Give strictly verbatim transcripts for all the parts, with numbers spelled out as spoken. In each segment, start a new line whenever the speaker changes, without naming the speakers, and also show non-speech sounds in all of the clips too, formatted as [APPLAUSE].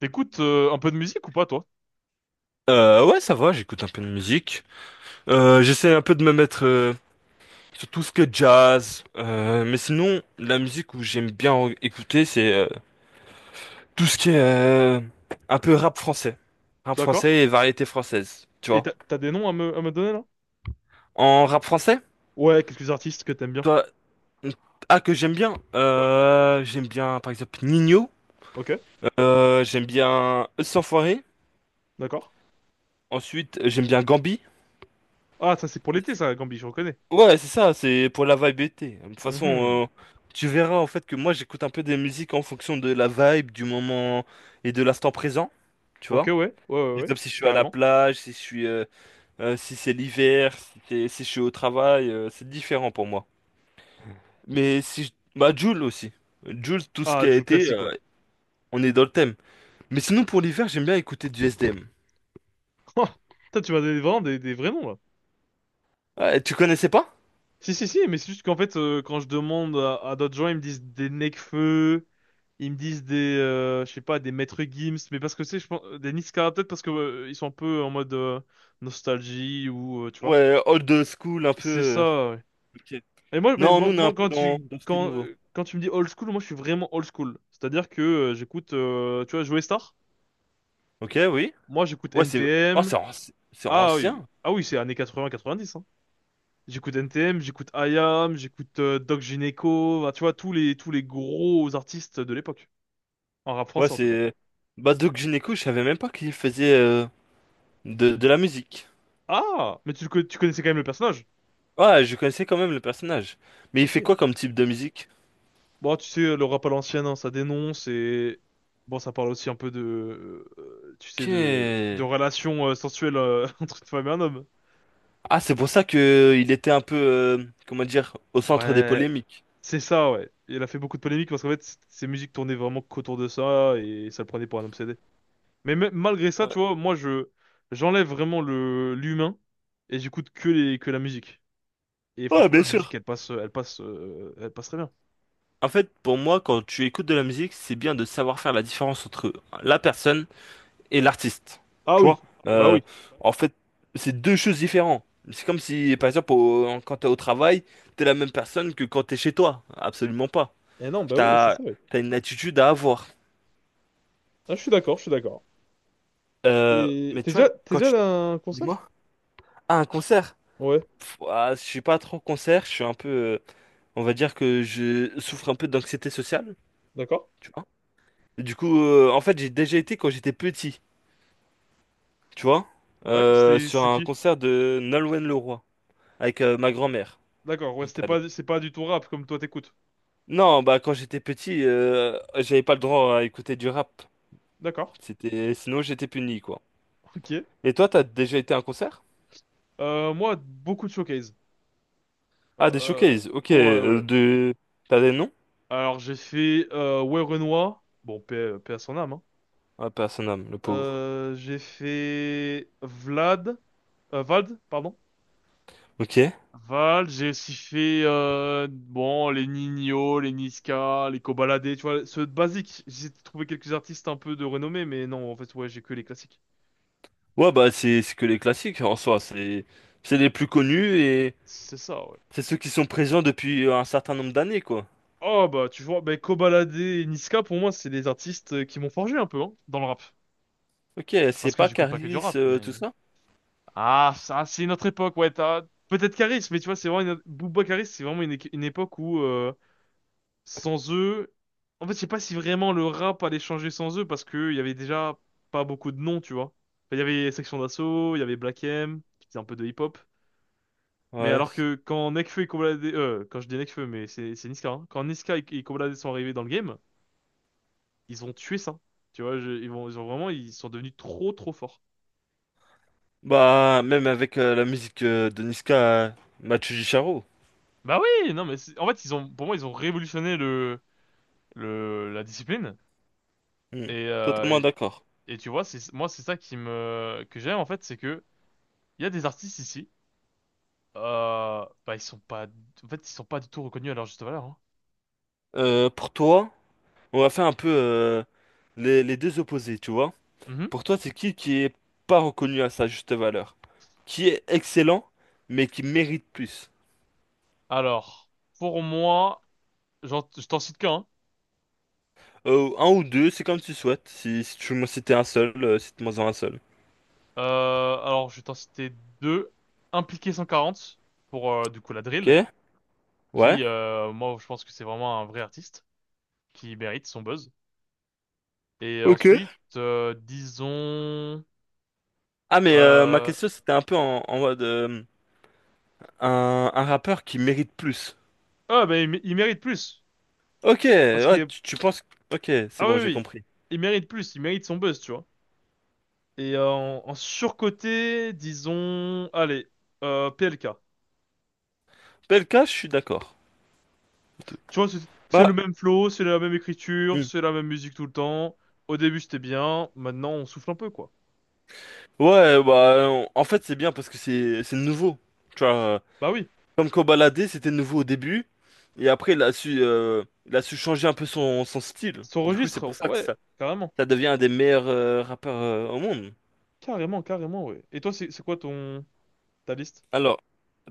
T'écoutes euh, un peu de musique ou pas, toi?
Euh, ouais, ça va, j'écoute un peu de musique. Euh, j'essaie un peu de me mettre euh, sur tout ce que jazz. Euh, mais sinon, la musique où j'aime bien en- écouter, c'est euh, tout ce qui est euh, un peu rap français. Rap
D'accord.
français et variété française, tu
Et
vois.
t'as t'as des noms à me, à me donner, là?
En rap français,
Ouais, quelques artistes que t'aimes bien.
toi, ah, que j'aime bien.
Ouais.
Euh, j'aime bien, par exemple, Nino.
Ok,
Euh, j'aime bien Eux sans Foirer.
d'accord.
Ensuite, j'aime bien Gambi.
Ah, ça, c'est pour l'été, ça, Gambi, je reconnais.
Ouais, c'est ça, c'est pour la vibe été. De toute façon,
Mhm.
euh, tu verras en fait que moi j'écoute un peu des musiques en fonction de la vibe, du moment et de l'instant présent, tu
Ok,
vois.
ouais, ouais, ouais, ouais,
Par
ouais,
exemple, si je suis à la
carrément.
plage, si je suis, euh, euh, si c'est l'hiver, si, c'est- si je suis au travail, euh, c'est différent pour moi. Mais si je... Bah, Jul aussi. Jul, tout ce
Ah,
qui a
du
été,
classique,
euh,
ouais.
on est dans le thème. Mais sinon, pour l'hiver, j'aime bien écouter du S D M.
[LAUGHS] Toi, tu m'as donné vraiment des, des vrais noms, là.
Ah, tu connaissais pas?
Si, si, si, mais c'est juste qu'en fait, euh, quand je demande à, à d'autres gens, ils me disent des Nekfeu, ils me disent des, euh, je sais pas, des Maître Gims, mais parce que c'est, je pense, des Niska, peut-être parce que euh, ils sont un peu en mode euh, nostalgie ou, euh, tu vois.
Ouais, old school, un peu...
C'est
euh,
ça, ouais.
Ok.
Mais moi, mais
Non, nous,
moi,
on est un
moi,
peu
quand
dans,
tu,
dans ce qui est
quand,
nouveau.
quand tu me dis old school, moi, je suis vraiment old school. C'est-à-dire que euh, j'écoute, euh, tu vois, Joey Star.
Ok, oui.
Moi, j'écoute
Ouais, c'est. Oh,
N T M.
c'est anci- c'est
Ah oui,
ancien.
ah oui, c'est années quatre-vingt quatre-vingt-dix, hein. J'écoute N T M, j'écoute I A M, j'écoute euh, Doc Gineco, bah, tu vois, tous les, tous les gros artistes de l'époque. En rap
Ouais,
français, en tout cas.
c'est. Bah, Doc Gynéco, je savais même pas qu'il faisait euh, de, de la musique.
Ah! Mais tu, le co- tu connaissais quand même le personnage?
Ouais, je connaissais quand même le personnage. Mais il
Ok.
fait quoi comme type de musique?
Bon, tu sais, le rap à l'ancienne, hein, ça dénonce et... Bon, ça parle aussi un peu de... euh, tu sais, de,
Ok.
de relations euh, sensuelles euh, [LAUGHS] entre une femme et un homme.
Ah, c'est pour ça que euh, il était un peu, euh, comment dire, au centre des
Ouais,
polémiques.
c'est ça, ouais. Il a fait beaucoup de polémiques parce qu'en fait, c- ses musiques tournaient vraiment qu'autour de ça et ça le prenait pour un obsédé. Mais me- malgré ça,
Ouais.
tu vois, moi, je j'enlève vraiment le l'humain et j'écoute que les que la musique. Et
Ouais,
franchement,
bien
la musique,
sûr.
elle passe, elle passe, euh, elle passe très bien.
En fait, pour moi, quand tu écoutes de la musique, c'est bien de savoir faire la différence entre la personne et l'artiste.
Ah
Tu
oui,
vois?
bah
Euh,
oui.
En fait, c'est deux choses différentes. C'est comme si, par exemple, au- quand t'es au travail, t'es la même personne que quand t'es chez toi. Absolument pas.
Eh non, bah oui, c'est
T'as,
ça, oui.
t'as une attitude à avoir.
Ah, je suis d'accord, je suis d'accord.
Euh,
Et
mais
t'es
tu vois,
déjà, t'es
quand
déjà
tu...
allé à un concert?
Dis-moi. Ah, un concert?
Ouais,
Pff, ah, je suis pas trop concert, je suis un peu... euh, on va dire que je souffre un peu d'anxiété sociale,
d'accord.
tu vois? Et du coup, euh, en fait, j'ai déjà été quand j'étais petit, tu vois?
Ouais,
Euh,
c'était,
sur
c'est
un
qui?
concert de Nolwenn Leroy, avec euh, ma grand-mère.
D'accord, ouais,
J'étais
c'était
allé.
pas, c'est pas du tout rap comme toi t'écoutes.
Non, bah quand j'étais petit, euh, j'avais pas le droit à écouter du rap.
D'accord.
C'était sinon j'étais puni quoi.
Ok.
Et toi, t'as déjà été à un concert?
Euh, moi, beaucoup de showcase.
Ah, des
Euh,
showcases. Ok,
ouais,
euh,
ouais.
de t'as des noms?
Alors, j'ai fait, euh, ouais. Bon, paix, paix à son âme, hein.
Ah, personne âme, le pauvre.
Euh, j'ai fait Vlad. euh, Vald, pardon.
Ok.
Vald, j'ai aussi fait euh, bon, les Nino, les Niska, les Kobalade, tu vois, ceux de basique. J'ai trouvé quelques artistes un peu de renommée, mais non, en fait, ouais, j'ai que les classiques.
Ouais, bah c'est c'est que les classiques en soi, c'est c'est les plus connus et
C'est ça, ouais.
c'est ceux qui sont présents depuis euh, un certain nombre d'années quoi.
Oh, bah, tu vois, bah, Kobalade et Niska, pour moi, c'est des artistes euh, qui m'ont forgé un peu, hein, dans le rap.
Ok, c'est
Parce que
pas
j'écoute pas que du
Caris
rap,
euh, tout
mais...
ça?
Ah, ça, c'est notre époque, ouais. t'as- Peut-être Caris, mais tu vois, c'est vraiment une... Booba Caris, c'est vraiment une, équ- une époque où euh, sans eux, en fait, je sais pas si vraiment le rap allait changer sans eux parce que il y avait déjà pas beaucoup de noms, tu vois. Enfin, il y avait Section d'Assaut, il y avait Black M, qui faisait un peu de hip-hop. Mais
Ouais.
alors que quand Nekfeu et Kobla Dé- euh, quand je dis Nekfeu, mais c'est c'est Niska, hein. Quand Niska et, et Kobla Dé sont arrivés dans le game, ils ont tué ça. Tu vois, je- ils vont, ils ont vraiment, ils sont devenus trop, trop forts.
Bah même avec euh, la musique euh, de Niska, euh, Machu Charo.
Bah oui, non, mais c'est- en fait, ils ont, pour moi, ils ont révolutionné le la discipline
Hmm.
et, euh,
Totalement d'accord.
et et tu vois, c'est moi c'est ça qui me que j'aime, en fait, c'est que il y a des artistes ici, euh, bah ils sont pas en fait, ils sont pas du tout reconnus à leur juste valeur, hein.
Euh, pour toi? On va faire un peu euh, les, les deux opposés, tu vois.
Mhm.
Pour toi, c'est qui qui est pas reconnu à sa juste valeur? Qui est excellent, mais qui mérite plus?
Alors, pour moi, j'en- je t'en cite qu'un, hein.
Euh, un ou deux, c'est comme tu souhaites. Si, si tu veux citer un seul, euh, cite-moi-en un seul.
Euh, alors je vais t'en citer deux: Impliqué cent quarante pour, euh, du coup, la
Ok?
drill,
Ouais?
qui, euh, moi je pense que c'est vraiment un vrai artiste qui mérite son buzz. Et
Ok.
ensuite, euh, disons
Ah, mais euh, ma
euh...
question, c'était un peu en, en, mode euh, un, un rappeur qui mérite plus.
ah, bah il mé- il mérite plus
Ok,
parce
ouais,
que...
tu, tu penses... Ok, c'est
Ah oui,
bon,
oui,
j'ai
oui.
compris.
Il mérite plus, il mérite son buzz, tu vois. Et euh, en, en surcoté, disons, allez, euh, P L K.
Belka, je suis d'accord.
Tu vois, c'est c'est le
Bah,
même flow, c'est la même écriture,
hmm.
c'est la même musique tout le temps. Au début, c'était bien, maintenant, on souffle un peu, quoi.
Ouais, bah, on- en fait, c'est bien parce que c'est c'est nouveau. Tu vois, euh,
Bah oui,
comme Kobalade, c'était nouveau au début. Et après, il a su, euh, il a su changer un peu son, son style.
son
Du coup, c'est pour
registre,
ça que ça,
ouais, carrément.
ça devient un des meilleurs euh, rappeurs euh, au monde.
Carrément, carrément, ouais. Et toi, c'est c'est quoi ton... ta liste?
Alors,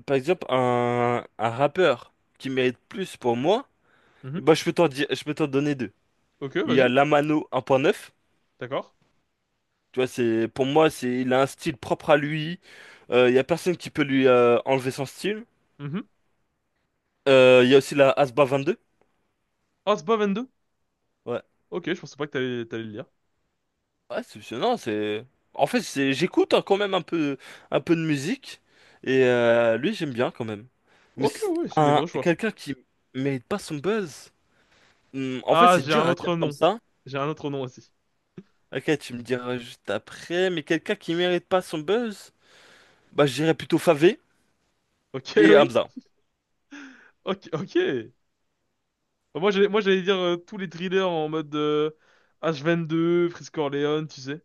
par exemple, un, un rappeur qui mérite plus pour moi, eh
Mhm.
ben, je peux t'en dire, je peux t'en donner deux.
Ok,
Il y a
vas-y,
Lamano un point neuf.
d'accord.
Tu vois, c'est, pour moi, c'est, il a un style propre à lui. Euh, Il y a personne qui peut lui euh, enlever son style.
Mhm.
Euh, Il y a aussi la Asba vingt-deux.
Ah, c'est pas vingt-deux?
Ouais.
Ok, je pensais pas que t'allais t'allais le lire.
Ouais, c'est c'est- non, c'est en fait c'est j'écoute hein, quand même un peu un peu de musique et euh, lui j'aime bien quand même. Mais
Ok,
c'est
ouais, c'est des
un
vrais choix.
quelqu'un qui mérite pas son buzz. Hmm, en fait,
Ah,
c'est
j'ai
dur
un
à dire
autre
comme
nom.
ça.
J'ai un autre nom aussi.
Ok, tu me diras juste après, mais quelqu'un qui mérite pas son buzz, bah je dirais plutôt Favé
Ok, [LAUGHS]
et
oui.
Hamza.
Ok, ok. Bah, Moi, j'allais, moi, j'allais dire euh, tous les thrillers en mode euh, h deux Frisco Orleans, tu sais,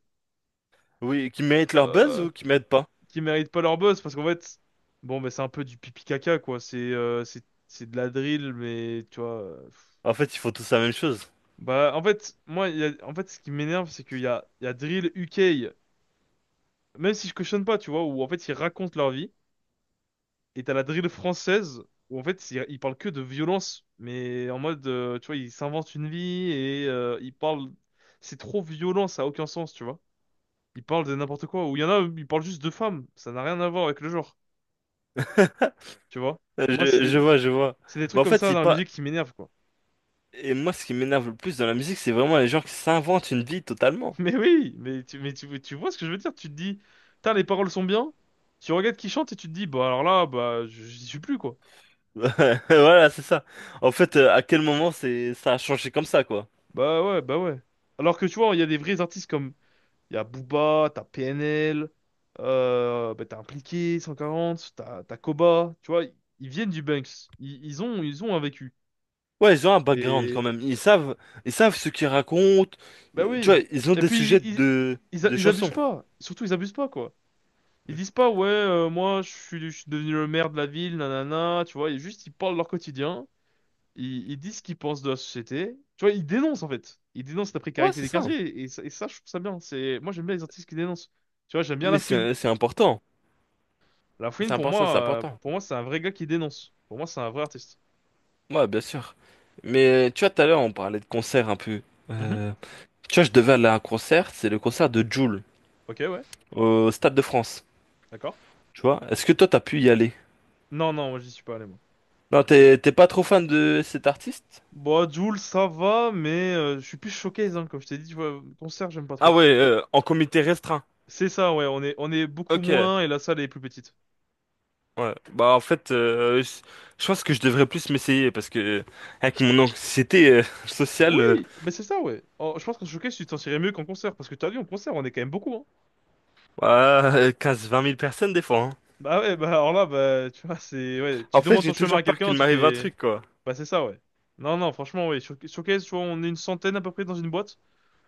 Oui, qui méritent leur buzz
euh,
ou qui méritent pas?
qui méritent pas leur buzz parce qu'en fait, bon, bah, c'est un peu du pipi caca, quoi. C'est euh, c'est c'est de la drill, mais tu vois. Euh, pff.
En fait, ils font tous la même chose.
Bah, en fait, moi, il y a- en fait, ce qui m'énerve, c'est qu'il y a, il y a drill U K, même si je cautionne pas, tu vois, où en fait, ils racontent leur vie. Et t'as la drill française où en fait il il parle que de violence, mais en mode euh, tu vois, il s'invente une vie et euh, il parle, c'est trop violent, ça a aucun sens, tu vois. Il parle de n'importe quoi. Ou il y en a, il parle juste de femmes, ça n'a rien à voir avec le genre, tu vois.
Euh,
Moi,
Je, je
c'est
vois, je vois.
c'est des
Mais
trucs
en
comme
fait,
ça
c'est
dans la
pas.
musique qui m'énervent, quoi.
Et moi, ce qui m'énerve le plus dans la musique, c'est vraiment les gens qui s'inventent une vie totalement.
[LAUGHS] Mais oui, mais tu mais tu, tu vois ce que je veux dire? Tu te dis: putain, les paroles sont bien. Tu regardes qui chante et tu te dis: bah alors là, bah j'y suis plus, quoi.
[LAUGHS] Voilà, c'est ça. En fait, euh, à quel moment c'est ça a changé comme ça, quoi.
Bah ouais, bah ouais. Alors que tu vois, il y a des vrais artistes comme il y a Booba, t'as P N L, euh, bah, t'as Impliqué, cent quarante, t'as t'as Koba, tu vois, ils viennent du Banks. Ils, ils ont, ils ont un vécu.
Ouais, ils ont un background quand
Et
même. Ils savent, ils savent ce qu'ils racontent.
bah
Euh, Tu
oui.
vois, ils ont
Et
des
puis
sujets
ils,
de,
ils, a-
de
ils abusent
chansons.
pas. Surtout ils abusent pas, quoi. Ils disent pas ouais, euh, moi je suis, je suis, devenu le maire de la ville, nanana, tu vois, ils juste ils parlent de leur quotidien, ils, ils disent ce qu'ils pensent de la société. Tu vois, ils dénoncent en fait. Ils dénoncent la
Ouais,
précarité
c'est
des
ça.
quartiers et, ça, et ça, je trouve ça bien. C'est moi, j'aime bien les artistes qui dénoncent. Tu vois, j'aime bien
Mais
La
c'est c'est important. C'est
Lafouine, pour
important, c'est
moi, euh,
important.
pour moi, c'est un vrai gars qui dénonce. Pour moi, c'est un vrai artiste.
Ouais, bien sûr. Mais euh, tu vois, tout à l'heure, on parlait de concert un peu.
Mhm.
Euh, Tu vois, je devais aller à un concert. C'est le concert de Jul
Ok, ouais,
au Stade de France.
d'accord.
Tu vois, est-ce que toi, t'as pu y aller?
Non, non, moi, j'y suis pas allé, moi.
Non, t'es t'es pas trop fan de cet artiste?
Bon, Jul, ça va, mais euh, je suis plus showcase, hein, comme je t'ai dit, tu vois, concert, j'aime pas
Ah
trop.
ouais, euh, en comité restreint.
C'est ça, ouais, on est, on est beaucoup
Ok.
moins et la salle est plus petite.
Ouais, bah en fait, euh, je je pense que je devrais plus m'essayer parce que euh, avec mon anxiété euh, [LAUGHS] sociale, euh,
Oui, ben c'est ça, ouais. Oh, je pense qu'en showcase, tu t'en tirais mieux qu'en concert, parce que t'as vu, en concert, on est quand même beaucoup, hein.
bah, euh, quinze-vingt mille personnes des fois, hein.
Bah ouais, bah alors là, bah, tu vois, c'est, ouais,
En
tu
fait,
demandes ton
j'ai
chemin
toujours
à
peur qu'il
quelqu'un, tu
m'arrive un
fais,
truc, quoi.
bah c'est ça, ouais. Non, non, franchement, ouais, show- showcase, tu vois, on est une centaine à peu près dans une boîte.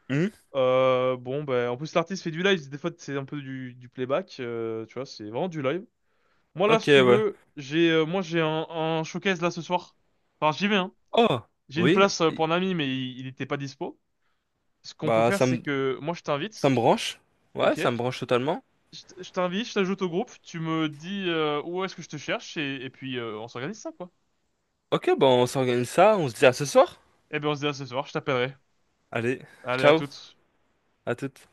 Hmm.
Euh, bon, ben, en plus, l'artiste fait du live, des fois, c'est un peu du, du playback, euh, tu vois, c'est vraiment du live. Moi, là,
Ok,
si tu
ouais.
veux, j'ai, euh, moi, j'ai un, un showcase là ce soir. Enfin, j'y vais, hein.
Oh,
J'ai une
oui,
place euh, pour
i-
un ami, mais il il était pas dispo. Ce qu'on peut
bah
faire,
ça
c'est
me
que moi, je
ça me
t'invite,
branche. Ouais,
ok?
ça me branche totalement.
Je t- je t'invite, je t'ajoute au groupe, tu me dis euh, où est-ce que je te cherche, et, et puis euh, on s'organise ça, quoi.
Ok, bah on s'organise ça, on se dit à ce soir.
Eh ben, on se dit à ce soir, je t'appellerai.
Allez,
Allez, à
ciao,
toutes.
à toutes.